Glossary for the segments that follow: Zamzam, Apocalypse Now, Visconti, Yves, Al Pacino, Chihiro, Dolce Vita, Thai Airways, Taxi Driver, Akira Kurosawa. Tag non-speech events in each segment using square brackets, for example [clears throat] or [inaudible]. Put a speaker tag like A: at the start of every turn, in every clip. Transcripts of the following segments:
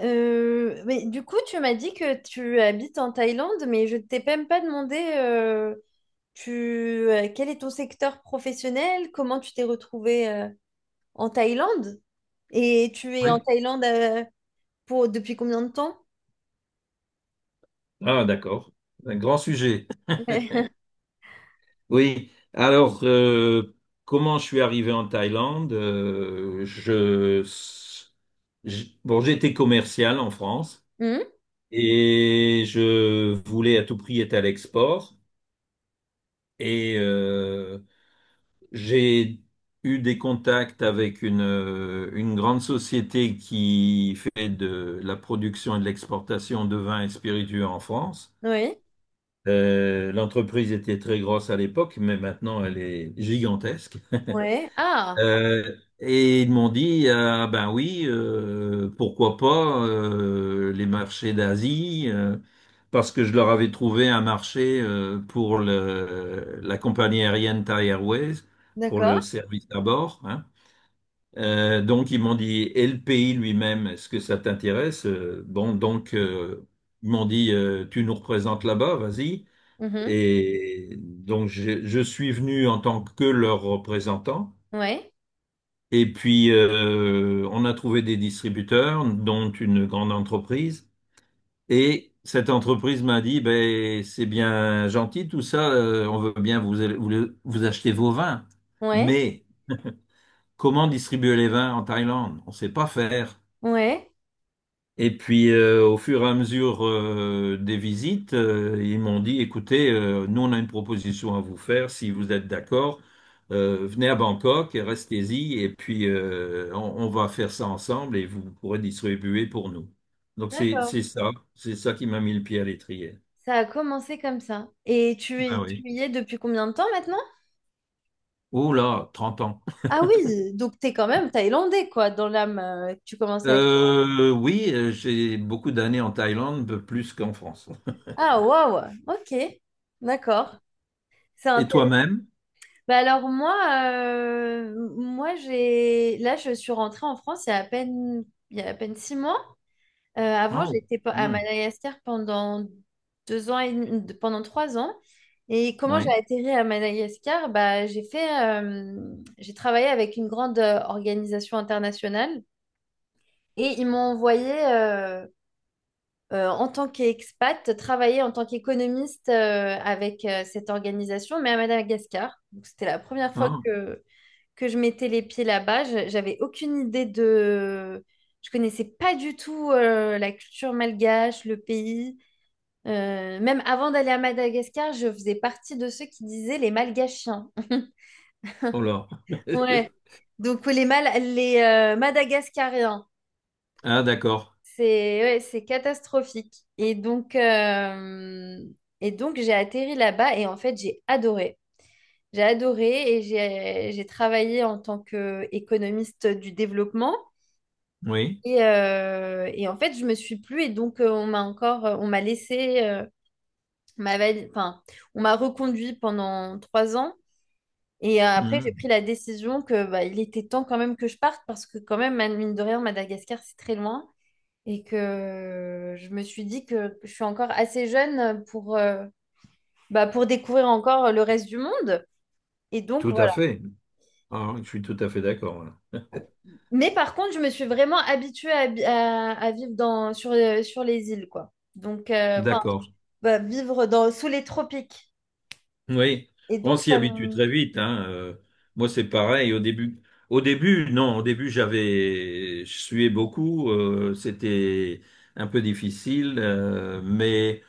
A: Mais du coup, tu m'as dit que tu habites en Thaïlande, mais je ne t'ai même pas demandé tu, quel est ton secteur professionnel, comment tu t'es retrouvé en Thaïlande et tu es en
B: Oui.
A: Thaïlande pour depuis combien de temps?
B: Ah, d'accord. Un grand sujet.
A: [laughs]
B: Oui. Alors, comment je suis arrivé en Thaïlande? Bon, j'étais commercial en France
A: Hmm.
B: et je voulais à tout prix être à l'export. Et j'ai eu des contacts avec une grande société qui fait de la production et de l'exportation de vins et spiritueux en France.
A: Oui,
B: L'entreprise était très grosse à l'époque, mais maintenant elle est gigantesque. [laughs]
A: ouais. Ah,
B: Et ils m'ont dit, ah ben oui, pourquoi pas les marchés d'Asie, parce que je leur avais trouvé un marché pour la compagnie aérienne Thai Airways, pour le
A: d'accord.
B: service à bord, hein. Donc ils m'ont dit, et le pays lui-même, est-ce que ça t'intéresse? Bon, donc ils m'ont dit, tu nous représentes là-bas, vas-y.
A: Mhm.
B: Et donc, je suis venu en tant que leur représentant.
A: Ouais,
B: Et puis, on a trouvé des distributeurs, dont une grande entreprise. Et cette entreprise m'a dit, ben, c'est bien gentil tout ça, on veut bien vous acheter vos vins.
A: ouais,
B: Mais comment distribuer les vins en Thaïlande? On sait pas faire.
A: ouais.
B: Et puis, au fur et à mesure des visites, ils m'ont dit, écoutez, nous, on a une proposition à vous faire. Si vous êtes d'accord, venez à Bangkok, et restez-y, et puis on va faire ça ensemble et vous pourrez distribuer pour nous. Donc,
A: D'accord.
B: c'est ça. C'est ça qui m'a mis le pied à l'étrier.
A: Ça a commencé comme ça. Et
B: Ah
A: tu
B: oui.
A: y es depuis combien de temps maintenant?
B: Oh là, 30 ans.
A: Ah oui, donc t'es quand même thaïlandais, quoi, dans l'âme. Tu commences à être...
B: Oui, j'ai beaucoup d'années en Thaïlande, peu plus qu'en France.
A: Ah, waouh, ok, d'accord. C'est
B: Et
A: intéressant.
B: toi-même?
A: Bah alors moi, moi j'ai... Là, je suis rentrée en France il y a à peine, il y a à peine 6 mois. Avant,
B: Ah,
A: à
B: hmm,
A: Madagascar pendant deux ans et demi- de- pendant 3 ans. Et comment j'ai
B: oui.
A: atterri à Madagascar? Bah, j'ai travaillé avec une grande organisation internationale et ils m'ont envoyé en tant qu'expat, travailler en tant qu'économiste avec cette organisation, mais à Madagascar. Donc, c'était la première fois
B: Ah,
A: que je mettais les pieds là-bas. J'avais aucune idée de... Je connaissais pas du tout la culture malgache, le pays. Même avant d'aller à Madagascar, je faisais partie de ceux qui disaient les malgachiens. [laughs]
B: oh là.
A: Ouais. Donc les Madagascariens.
B: Ah, d'accord.
A: C'est ouais, c'est catastrophique. Et donc j'ai atterri là-bas et en fait, j'ai adoré. J'ai adoré et j'ai travaillé en tant qu'économiste du développement.
B: Oui,
A: Et en fait, je me suis plu et donc on m'a encore, on m'a laissé, on m'a vali- enfin, on m'a reconduit pendant 3 ans. Et après, j'ai
B: hmm,
A: pris la décision que bah, il était temps quand même que je parte parce que quand même, mine de rien, Madagascar, c'est très loin. Et que je me suis dit que je suis encore assez jeune pour, bah, pour découvrir encore le reste du monde. Et donc
B: tout à
A: voilà.
B: fait. Ah, je suis tout à fait d'accord, là.
A: Mais par contre, je me suis vraiment habituée à, à vivre dans, sur, sur les îles, quoi. Donc, enfin,
B: D'accord.
A: bah, vivre dans, sous les tropiques.
B: Oui,
A: Et
B: on
A: donc,
B: s'y
A: ça
B: habitue
A: me...
B: très vite, hein. Moi, c'est pareil. Au début, non, au début, je suais beaucoup. C'était un peu difficile, mais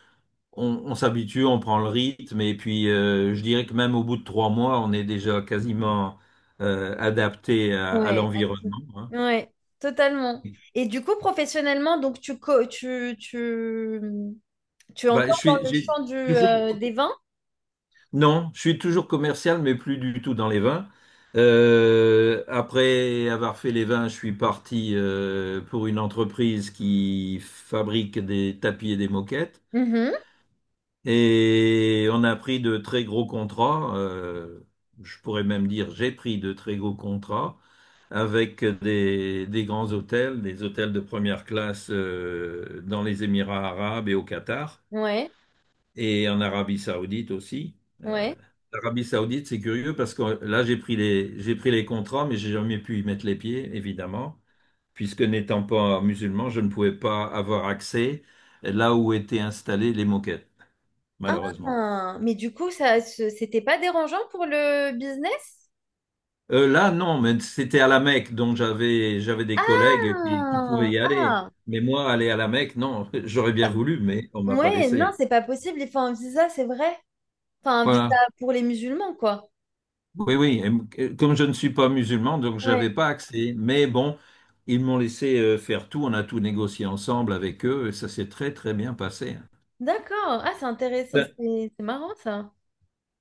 B: on s'habitue, on prend le rythme. Et puis, je dirais que même au bout de 3 mois, on est déjà quasiment adapté à
A: Ouais, active.
B: l'environnement, hein.
A: Ouais, totalement. Et du coup, professionnellement, donc tu, co- tu es
B: Bah, je
A: encore dans
B: suis,
A: le
B: j'ai
A: champ
B: toujours
A: des vins?
B: non, je suis toujours commercial, mais plus du tout dans les vins. Après avoir fait les vins, je suis parti pour une entreprise qui fabrique des tapis et des moquettes.
A: Mhm.
B: Et on a pris de très gros contrats. Je pourrais même dire, j'ai pris de très gros contrats avec des grands hôtels, des hôtels de première classe dans les Émirats arabes et au Qatar
A: Ouais,
B: et en Arabie saoudite aussi. Euh,
A: ouais.
B: L'Arabie Saoudite, c'est curieux parce que là, j'ai pris les contrats, mais j'ai jamais pu y mettre les pieds, évidemment, puisque n'étant pas musulman, je ne pouvais pas avoir accès là où étaient installées les moquettes, malheureusement.
A: Ah, mais du coup, c'était pas dérangeant pour le business?
B: Là, non, mais c'était à la Mecque, donc j'avais des collègues qui pouvaient
A: Ah,
B: y aller.
A: ah,
B: Mais moi, aller à la Mecque, non, [laughs] j'aurais bien voulu, mais on m'a pas
A: ouais, non,
B: laissé.
A: c'est pas possible. Il faut un visa, c'est vrai. Enfin, un visa
B: Voilà.
A: pour les musulmans, quoi.
B: Oui, oui, et comme je ne suis pas musulman, donc
A: Ouais,
B: j'avais pas accès. Mais bon, ils m'ont laissé faire tout, on a tout négocié ensemble avec eux, et ça s'est très très bien passé, hein.
A: d'accord. Ah, c'est intéressant.
B: C'est Un
A: C'est marrant, ça.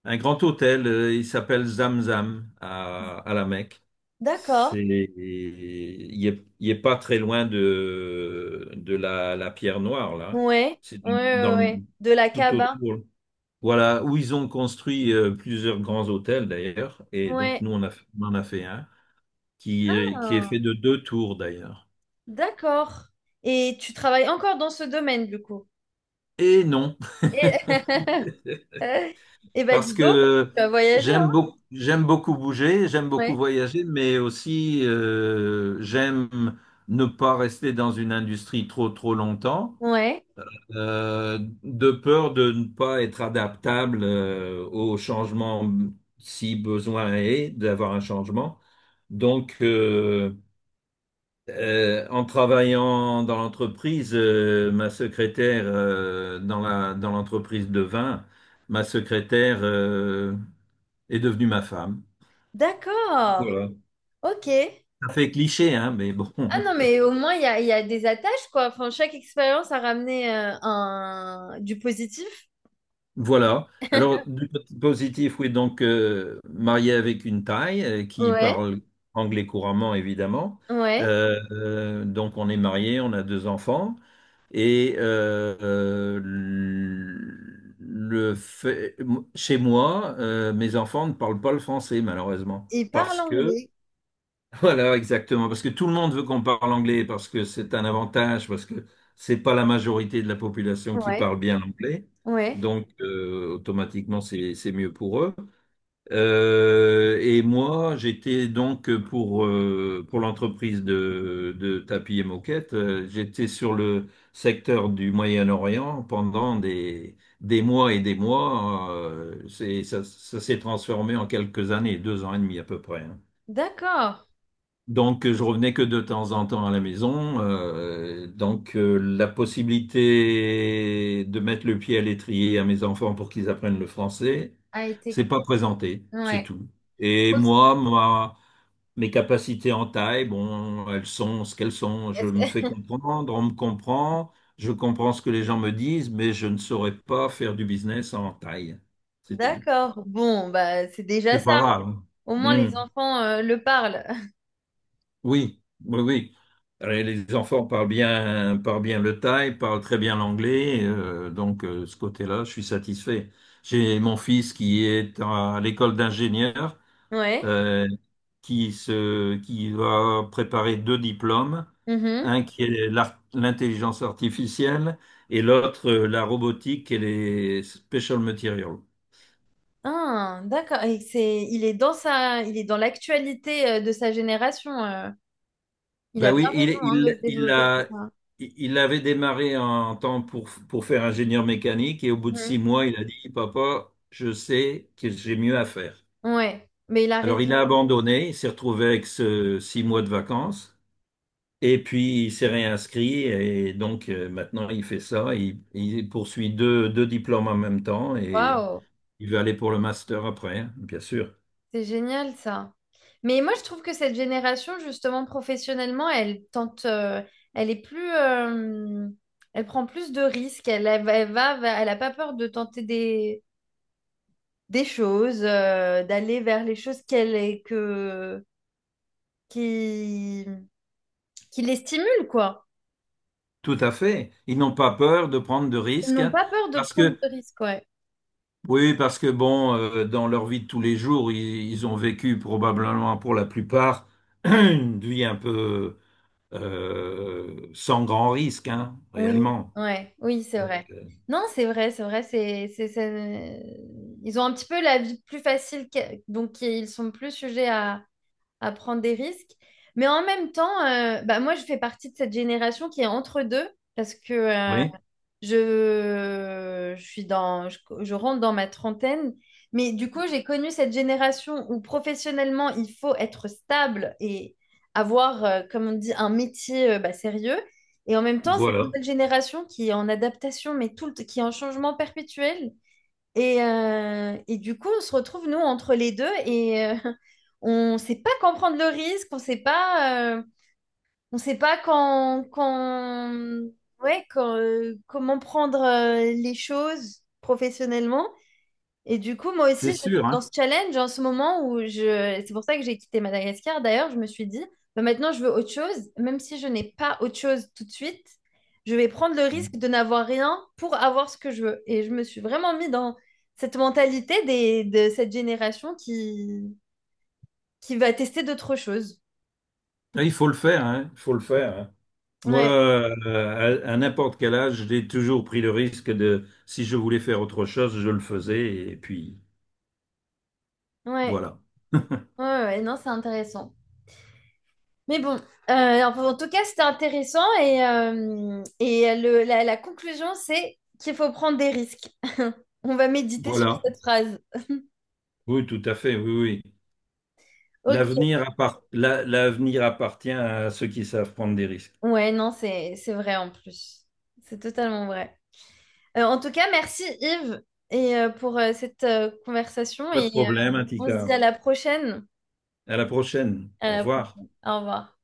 B: un grand hôtel, il s'appelle Zamzam à la Mecque.
A: D'accord.
B: Il est pas très loin de la Pierre Noire, là.
A: Ouais,
B: C'est
A: ouais, ouais.
B: dans le-
A: Ouais. De la
B: Tout
A: Kaaba.
B: autour. Voilà, où ils ont construit plusieurs grands hôtels d'ailleurs, et donc
A: Ouais.
B: nous on en a fait un, qui est
A: Ah,
B: fait de deux tours d'ailleurs.
A: d'accord. Et tu travailles encore dans ce domaine, du coup.
B: Et non,
A: Et, [laughs] eh ben,
B: parce
A: dis donc,
B: que
A: tu vas voyager, hein?
B: j'aime beaucoup bouger, j'aime beaucoup
A: Ouais.
B: voyager, mais aussi j'aime ne pas rester dans une industrie trop trop longtemps,
A: Ouais.
B: de peur de ne pas être adaptable au changement si besoin est d'avoir un changement. Donc, en travaillant dans l'entreprise, ma secrétaire, dans l'entreprise de vin, ma secrétaire, est devenue ma femme.
A: D'accord.
B: Voilà.
A: Ok.
B: Ça fait cliché, hein, mais bon.
A: Ah
B: [laughs]
A: non, mais au moins, il y a des attaches, quoi. Enfin, chaque expérience a ramené un... du positif.
B: Voilà. Alors, du côté positif, oui, donc mariée avec une Thaï qui
A: Ouais,
B: parle anglais couramment, évidemment.
A: ouais.
B: Donc, on est mariés, on a deux enfants. Et le fait- chez moi, mes enfants ne parlent pas le français, malheureusement.
A: Il parle
B: Parce que,
A: anglais.
B: [laughs] voilà, exactement, parce que tout le monde veut qu'on parle anglais, parce que c'est un avantage, parce que c'est pas la majorité de la population qui
A: Ouais,
B: parle bien l'anglais.
A: ouais.
B: Donc, automatiquement, c'est mieux pour eux. Et moi, j'étais donc pour l'entreprise de tapis et moquettes, j'étais sur le secteur du Moyen-Orient pendant des mois et des mois. Ça s'est transformé en quelques années, 2 ans et demi à peu près, hein.
A: D'accord.
B: Donc, je revenais que de temps en temps à la maison. Donc, la possibilité de mettre le pied à l'étrier à mes enfants pour qu'ils apprennent le français,
A: A été.
B: c'est pas présenté, c'est
A: Ouais.
B: tout. Et moi, mes capacités en taille, bon, elles sont ce qu'elles sont. Je
A: Est-ce
B: me fais
A: que...
B: comprendre, on me comprend, je comprends ce que les gens me disent, mais je ne saurais pas faire du business en taille,
A: [laughs]
B: c'est tout. Voilà.
A: D'accord. Bon, bah, c'est déjà
B: C'est
A: ça.
B: pas grave, hein.
A: Au moins, les
B: Hmm.
A: enfants le parlent. [laughs]
B: Oui, oui, oui. Et les enfants parlent bien le thaï, parlent très bien l'anglais, donc ce côté-là, je suis satisfait. J'ai mon fils qui est à l'école d'ingénieur,
A: Ouais.
B: euh, qui va préparer deux diplômes,
A: Mhm.
B: un qui est l'intelligence artificielle et l'autre la robotique et les special materials.
A: Ah, d'accord. Et c'est, il est dans sa, il est dans l'actualité de sa génération. Il
B: Ben
A: a bien
B: oui,
A: raison hein, de se développer pour ça.
B: il avait démarré en temps pour faire ingénieur mécanique et au bout de six
A: Mm.
B: mois, il a dit, Papa, je sais que j'ai mieux à faire.
A: Ouais, mais il a
B: Alors
A: raison.
B: il a abandonné, il s'est retrouvé avec ce 6 mois de vacances et puis il s'est réinscrit et donc maintenant il fait ça, il poursuit deux diplômes en même temps et
A: Waouh,
B: il veut aller pour le master après, hein, bien sûr.
A: c'est génial ça. Mais moi, je trouve que cette génération, justement, professionnellement, elle tente, elle est plus, euh, elle prend plus de risques. Elle elle a pas peur de tenter des choses, d'aller vers les choses qu'elle est que qui, qui les stimulent, quoi.
B: Tout à fait. Ils n'ont pas peur de prendre de
A: Ils
B: risques.
A: n'ont pas peur de
B: Parce
A: prendre
B: que
A: de risques, ouais.
B: Oui, parce que bon, dans leur vie de tous les jours, ils ont vécu probablement pour la plupart [clears throat] une vie un peu sans grand risque, hein,
A: Oui,
B: réellement.
A: ouais, oui, c'est
B: Donc,
A: vrai. Non, c'est vrai, c'est vrai, c'est- Ils ont un petit peu la vie plus facile, que... donc ils sont plus sujets à prendre des risques. Mais en même temps, bah, moi, je fais partie de cette génération qui est entre deux, parce que
B: oui,
A: je rentre dans ma trentaine, mais du coup, j'ai connu cette génération où professionnellement, il faut être stable et avoir, comme on dit, un métier bah, sérieux. Et en même temps, cette
B: voilà,
A: nouvelle génération qui est en adaptation, qui est en changement perpétuel. Et du coup, on se retrouve, nous, entre les deux et [laughs] on ne sait pas comprendre le risque, on ne sait pas. On sait pas quand, quand, ouais, Quand, comment prendre les choses professionnellement. Et du coup, moi aussi,
B: c'est
A: je suis
B: sûr,
A: dans
B: hein.
A: ce challenge en ce moment où je... C'est pour ça que j'ai quitté Madagascar. D'ailleurs, je me suis dit, bah, maintenant, je veux autre chose. Même si je n'ai pas autre chose tout de suite, je vais prendre le risque de n'avoir rien pour avoir ce que je veux. Et je me suis vraiment mis dans cette mentalité des... de cette génération qui va tester d'autres choses.
B: Ah, il faut le faire, hein, il faut le faire, hein. Moi,
A: Ouais,
B: à n'importe quel âge, j'ai toujours pris le risque de, si je voulais faire autre chose, je le faisais, et puis
A: ouais,
B: voilà.
A: ouais, non, c'est intéressant. Mais bon, euh, en tout cas, c'était intéressant et, la, la conclusion, c'est qu'il faut prendre des risques. [laughs] On va méditer sur
B: Voilà.
A: cette phrase.
B: Oui, tout à fait, oui, oui.
A: Ok.
B: L'avenir appartient à ceux qui savent prendre des risques.
A: Ouais, non, c'est vrai en plus. C'est totalement vrai. En tout cas, merci Yves et pour cette conversation
B: Pas de
A: et
B: problème,
A: on se dit
B: Antika.
A: à la prochaine.
B: À la prochaine.
A: À
B: Au
A: la
B: revoir.
A: prochaine. Au revoir.